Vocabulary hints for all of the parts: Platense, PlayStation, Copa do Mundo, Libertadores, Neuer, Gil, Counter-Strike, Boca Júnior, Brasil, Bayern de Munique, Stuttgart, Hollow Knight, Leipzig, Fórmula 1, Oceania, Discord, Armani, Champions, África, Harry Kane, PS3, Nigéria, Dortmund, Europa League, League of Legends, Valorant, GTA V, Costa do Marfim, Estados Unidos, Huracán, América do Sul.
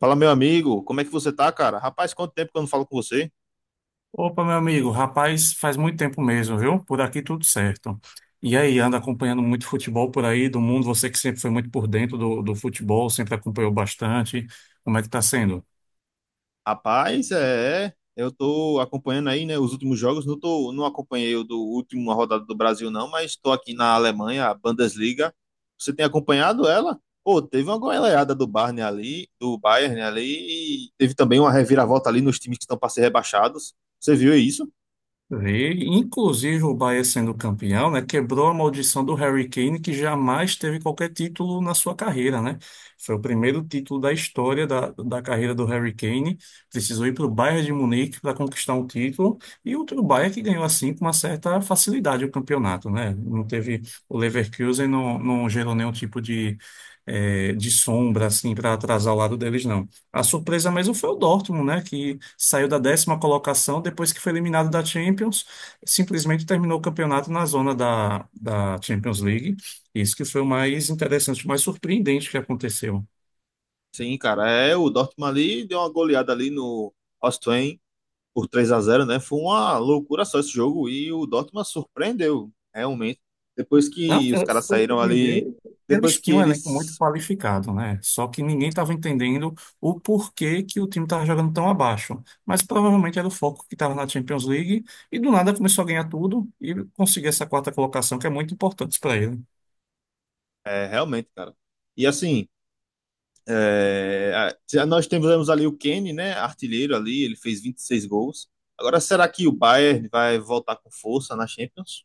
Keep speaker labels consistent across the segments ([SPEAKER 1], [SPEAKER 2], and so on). [SPEAKER 1] Fala, meu amigo, como é que você tá, cara? Rapaz, quanto tempo que eu não falo com você?
[SPEAKER 2] Opa, meu amigo, rapaz, faz muito tempo mesmo, viu? Por aqui tudo certo. E aí, anda acompanhando muito futebol por aí do mundo? Você que sempre foi muito por dentro do futebol, sempre acompanhou bastante. Como é que tá sendo?
[SPEAKER 1] Rapaz, eu tô acompanhando aí, né, os últimos jogos, não acompanhei o do último rodada do Brasil não, mas tô aqui na Alemanha, a Bundesliga. Você tem acompanhado ela? Pô, teve uma goleada do Bayern ali, e teve também uma reviravolta ali nos times que estão para ser rebaixados. Você viu isso?
[SPEAKER 2] Vi, inclusive o Bahia sendo campeão, né, quebrou a maldição do Harry Kane, que jamais teve qualquer título na sua carreira, né? Foi o primeiro título da história da carreira do Harry Kane. Precisou ir para o Bayern de Munique para conquistar um título, e outro Bayern que ganhou assim com uma certa facilidade o campeonato, né? Não teve o Leverkusen, não, não gerou nenhum tipo de sombra assim para atrasar o lado deles, não. A surpresa mesmo foi o Dortmund, né? Que saiu da décima colocação depois que foi eliminado da Champions, simplesmente terminou o campeonato na zona da Champions League. Isso que foi o mais interessante, o mais surpreendente que aconteceu.
[SPEAKER 1] Sim, cara, o Dortmund ali deu uma goleada ali no Hoffenheim por 3-0, né? Foi uma loucura só esse jogo e o Dortmund surpreendeu, realmente. Depois
[SPEAKER 2] Não,
[SPEAKER 1] que os
[SPEAKER 2] é,
[SPEAKER 1] caras saíram ali,
[SPEAKER 2] surpreendeu.
[SPEAKER 1] depois
[SPEAKER 2] Eles
[SPEAKER 1] que
[SPEAKER 2] tinham um elenco muito
[SPEAKER 1] eles
[SPEAKER 2] qualificado, né? Só que ninguém estava entendendo o porquê que o time estava jogando tão abaixo. Mas provavelmente era o foco que estava na Champions League e do nada começou a ganhar tudo e conseguir essa quarta colocação que é muito importante para ele.
[SPEAKER 1] é, realmente, cara. E assim, é, nós temos ali o Kane, né, artilheiro ali, ele fez 26 gols. Agora, será que o Bayern vai voltar com força na Champions?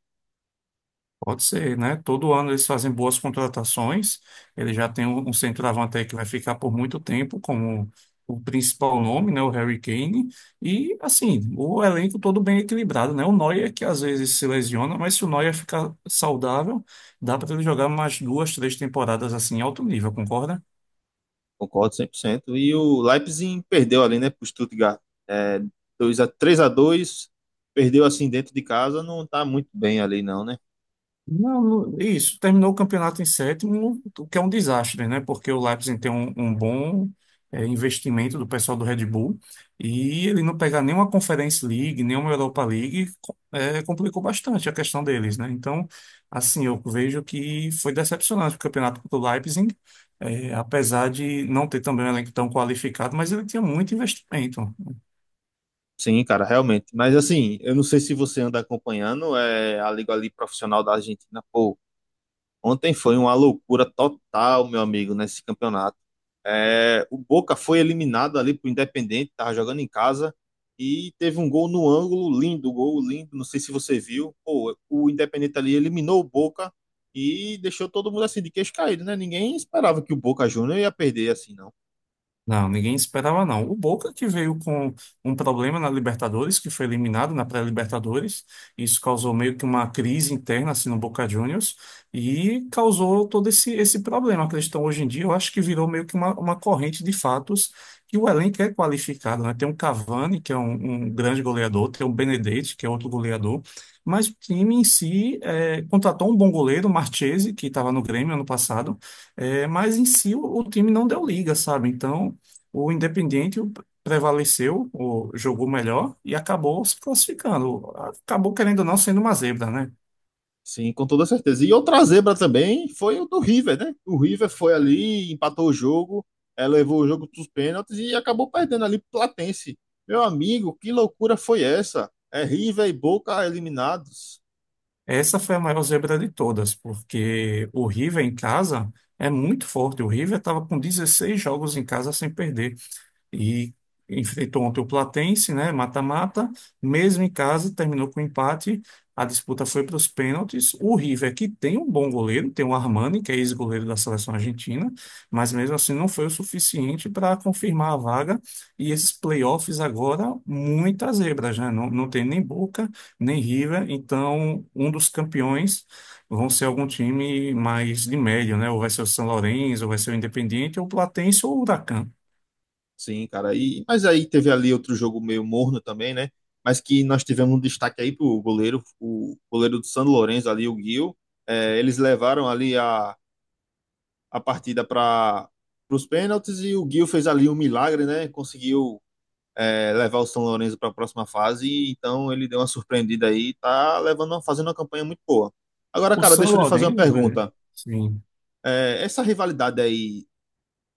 [SPEAKER 2] Pode ser, né? Todo ano eles fazem boas contratações. Ele já tem um centroavante aí que vai ficar por muito tempo como o principal nome, né? O Harry Kane. E, assim, o elenco todo bem equilibrado, né? O Neuer, que às vezes se lesiona, mas se o Neuer ficar saudável, dá para ele jogar umas duas, três temporadas assim, em alto nível, concorda?
[SPEAKER 1] Concordo 100%. E o Leipzig perdeu ali, né, pro Stuttgart. É, 2 a 3-2, perdeu assim dentro de casa, não tá muito bem ali não, né?
[SPEAKER 2] Não, isso, terminou o campeonato em sétimo, o que é um desastre, né? Porque o Leipzig tem um bom investimento do pessoal do Red Bull e ele não pegar nenhuma Conference League, nenhuma Europa League, complicou bastante a questão deles, né? Então, assim, eu vejo que foi decepcionante o campeonato do Leipzig, apesar de não ter também um elenco tão qualificado, mas ele tinha muito investimento.
[SPEAKER 1] Sim, cara, realmente. Mas assim, eu não sei se você anda acompanhando a Liga ali profissional da Argentina. Pô, ontem foi uma loucura total, meu amigo, nesse campeonato. É, o Boca foi eliminado ali pro Independente, tava jogando em casa e teve um gol no ângulo, lindo, gol lindo. Não sei se você viu. Pô, o Independente ali eliminou o Boca e deixou todo mundo assim de queixo caído, né? Ninguém esperava que o Boca Júnior ia perder assim, não.
[SPEAKER 2] Não, ninguém esperava não. O Boca que veio com um problema na Libertadores, que foi eliminado na pré-Libertadores, isso causou meio que uma crise interna assim no Boca Juniors e causou todo esse problema. A questão hoje em dia, eu acho que virou meio que uma corrente de fatos que o elenco é qualificado, né? Tem um Cavani, que é um grande goleador, tem um Benedetti, que é outro goleador, mas o time em si é, contratou um bom goleiro, o Marchese, que estava no Grêmio ano passado, é, mas em si o time não deu liga, sabe? Então o Independiente prevaleceu, jogou melhor e acabou se classificando. Acabou, querendo ou não, sendo uma zebra, né?
[SPEAKER 1] Sim, com toda certeza. E outra zebra também foi o do River, né? O River foi ali, empatou o jogo, levou o jogo para os pênaltis e acabou perdendo ali pro Platense. Meu amigo, que loucura foi essa? É River e Boca eliminados.
[SPEAKER 2] Essa foi a maior zebra de todas, porque o River em casa é muito forte. O River estava com 16 jogos em casa sem perder e enfrentou ontem o Platense, né, mata-mata, mesmo em casa, terminou com empate, a disputa foi para os pênaltis, o River, que tem um bom goleiro, tem o Armani, que é ex-goleiro da seleção argentina, mas mesmo assim não foi o suficiente para confirmar a vaga, e esses playoffs agora, muitas zebras, né, não tem nem Boca, nem River, então um dos campeões vão ser algum time mais de médio, né, ou vai ser o São Lourenço, ou vai ser o Independiente, ou o Platense, ou o Huracán.
[SPEAKER 1] Sim, cara. E, mas aí teve ali outro jogo meio morno também, né? Mas que nós tivemos um destaque aí pro goleiro, o goleiro do São Lourenço ali, o Gil. Eles levaram ali a partida para os pênaltis e o Gil fez ali um milagre, né? Conseguiu levar o São Lourenço para a próxima fase, então ele deu uma surpreendida aí, tá levando, fazendo uma campanha muito boa. Agora,
[SPEAKER 2] O
[SPEAKER 1] cara,
[SPEAKER 2] São
[SPEAKER 1] deixa eu lhe fazer uma
[SPEAKER 2] Lourenço, é,
[SPEAKER 1] pergunta.
[SPEAKER 2] sim.
[SPEAKER 1] Essa rivalidade aí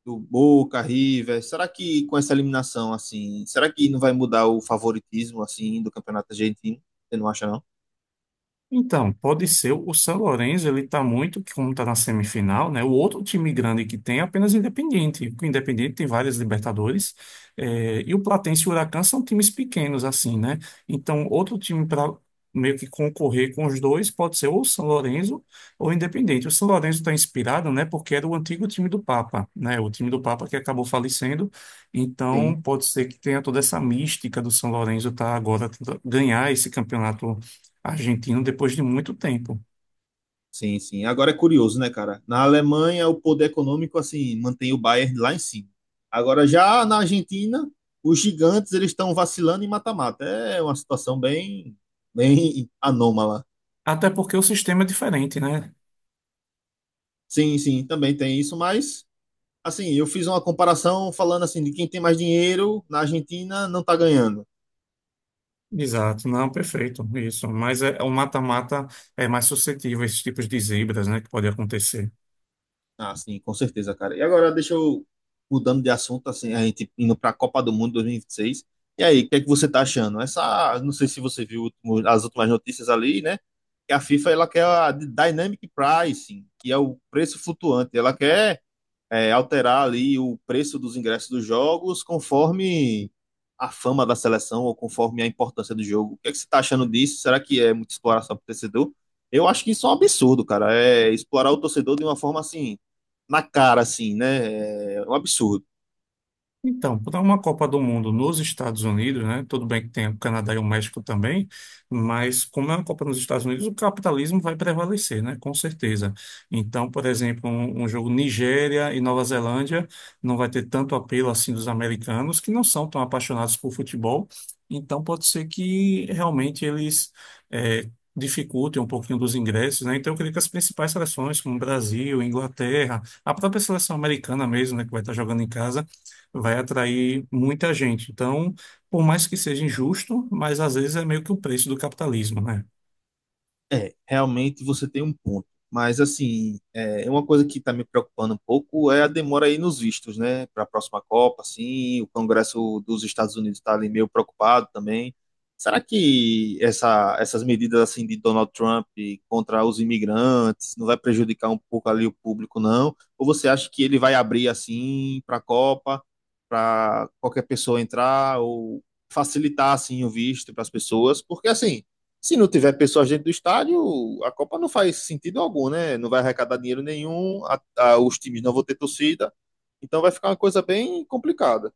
[SPEAKER 1] do Boca, River, será que com essa eliminação, assim, será que não vai mudar o favoritismo, assim, do campeonato argentino? Você não acha, não?
[SPEAKER 2] Então, pode ser. O São Lourenço, ele está muito, como está na semifinal, né? O outro time grande que tem é apenas o Independiente. O Independiente tem várias Libertadores. E o Platense e o Huracan são times pequenos, assim, né? Então, outro time para meio que concorrer com os dois pode ser ou o São Lourenço ou o Independiente. O São Lourenço está inspirado, né? Porque era o antigo time do Papa, né? O time do Papa que acabou falecendo.
[SPEAKER 1] Sim.
[SPEAKER 2] Então, pode ser que tenha toda essa mística do São Lourenço tá agora tentando ganhar esse campeonato argentino depois de muito tempo.
[SPEAKER 1] Sim, sim. Agora é curioso, né, cara? Na Alemanha, o poder econômico, assim, mantém o Bayern lá em cima. Agora, já na Argentina, os gigantes, eles estão vacilando em mata-mata. É uma situação bem, bem anômala.
[SPEAKER 2] Até porque o sistema é diferente, né?
[SPEAKER 1] Sim, sim, também tem isso, mas, assim, eu fiz uma comparação falando, assim, de quem tem mais dinheiro na Argentina não tá ganhando.
[SPEAKER 2] Exato, não, perfeito, isso. Mas é, o mata-mata é mais suscetível a esses tipos de zebras, né, que pode acontecer.
[SPEAKER 1] Ah, sim, com certeza, cara. E agora, deixa eu mudando de assunto, assim, a gente indo para a Copa do Mundo 2026. E vinte e seis. E aí, o que é que você tá achando? Essa, não sei se você viu as últimas notícias ali, né? Que a FIFA ela quer a Dynamic Pricing, que é o preço flutuante. Ela quer alterar ali o preço dos ingressos dos jogos conforme a fama da seleção ou conforme a importância do jogo. O que é que você está achando disso? Será que é muita exploração para o torcedor? Eu acho que isso é um absurdo, cara. É explorar o torcedor de uma forma assim, na cara, assim, né? É um absurdo.
[SPEAKER 2] Então, para uma Copa do Mundo nos Estados Unidos, né? Tudo bem que tem o Canadá e o México também, mas como é uma Copa nos Estados Unidos, o capitalismo vai prevalecer, né? Com certeza. Então, por exemplo, um jogo Nigéria e Nova Zelândia não vai ter tanto apelo assim dos americanos, que não são tão apaixonados por futebol. Então, pode ser que realmente eles eh, dificultem um pouquinho dos ingressos, né? Então, eu creio que as principais seleções, como Brasil, Inglaterra, a própria seleção americana mesmo, né? Que vai estar jogando em casa vai atrair muita gente. Então, por mais que seja injusto, mas às vezes é meio que o preço do capitalismo, né?
[SPEAKER 1] É, realmente você tem um ponto. Mas, assim, é uma coisa que está me preocupando um pouco é a demora aí nos vistos, né? Para a próxima Copa, assim, o Congresso dos Estados Unidos está ali meio preocupado também. Será que essas medidas, assim, de Donald Trump contra os imigrantes não vai prejudicar um pouco ali o público, não? Ou você acha que ele vai abrir, assim, para a Copa, para qualquer pessoa entrar, ou facilitar, assim, o visto para as pessoas? Porque, assim se não tiver pessoas dentro do estádio, a Copa não faz sentido algum, né? Não vai arrecadar dinheiro nenhum, os times não vão ter torcida, então vai ficar uma coisa bem complicada.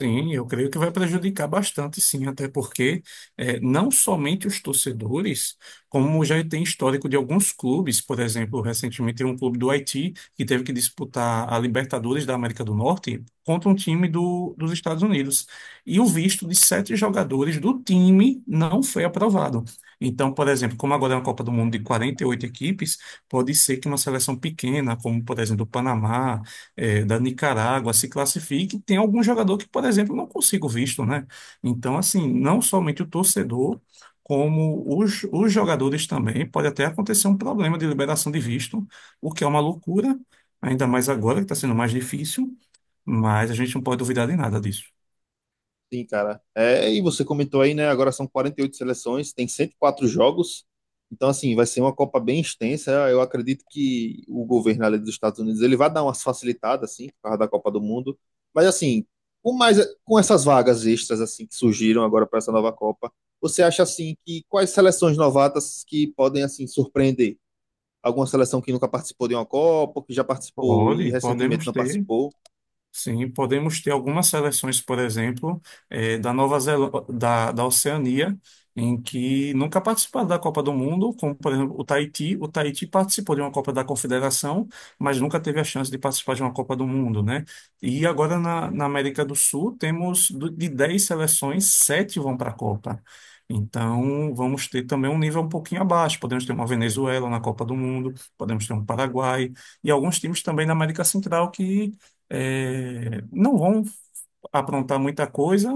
[SPEAKER 2] Sim, eu creio que vai prejudicar bastante, sim, até porque não somente os torcedores, como já tem histórico de alguns clubes, por exemplo, recentemente tem um clube do Haiti que teve que disputar a Libertadores da América do Norte contra um time dos Estados Unidos. E o visto de sete jogadores do time não foi aprovado. Então, por exemplo, como agora é uma Copa do Mundo de 48 equipes, pode ser que uma seleção pequena, como por exemplo o Panamá, é, da Nicarágua se classifique, tem algum jogador que, por exemplo, não consiga o visto, né? Então, assim, não somente o torcedor, como os jogadores também, pode até acontecer um problema de liberação de visto, o que é uma loucura, ainda mais agora que está sendo mais difícil, mas a gente não pode duvidar de nada disso.
[SPEAKER 1] Sim, cara. É, e você comentou aí, né? Agora são 48 seleções, tem 104 jogos. Então, assim, vai ser uma Copa bem extensa. Eu acredito que o governo ali dos Estados Unidos ele vai dar umas facilitadas, assim, por causa da Copa do Mundo. Mas, assim, com mais, com essas vagas extras, assim, que surgiram agora para essa nova Copa, você acha, assim, que quais seleções novatas que podem, assim, surpreender? Alguma seleção que nunca participou de uma Copa, que já participou e
[SPEAKER 2] Pode,
[SPEAKER 1] recentemente
[SPEAKER 2] podemos
[SPEAKER 1] não
[SPEAKER 2] ter.
[SPEAKER 1] participou?
[SPEAKER 2] Sim, podemos ter algumas seleções, por exemplo, da Nova Zelândia da Oceania, em que nunca participaram da Copa do Mundo, como, por exemplo, o Tahiti. O Tahiti participou de uma Copa da Confederação, mas nunca teve a chance de participar de uma Copa do Mundo, né? E agora na América do Sul, temos de 10 seleções, 7 vão para a Copa. Então, vamos ter também um nível um pouquinho abaixo. Podemos ter uma Venezuela na Copa do Mundo, podemos ter um Paraguai e alguns times também na América Central que é, não vão aprontar muita coisa.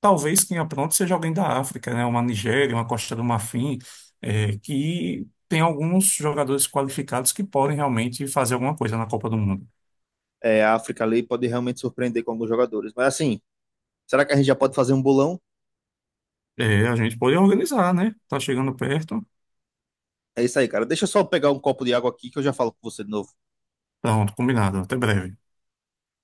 [SPEAKER 2] Talvez quem apronte seja alguém da África, né? Uma Nigéria, uma Costa do Marfim, é, que tem alguns jogadores qualificados que podem realmente fazer alguma coisa na Copa do Mundo.
[SPEAKER 1] É, a África ali pode realmente surpreender com alguns jogadores. Mas, assim. Será que a gente já pode fazer um bolão?
[SPEAKER 2] É, a gente pode organizar, né? Tá chegando perto.
[SPEAKER 1] É isso aí, cara. Deixa eu só pegar um copo de água aqui que eu já falo com você de novo.
[SPEAKER 2] Pronto, combinado. Até breve.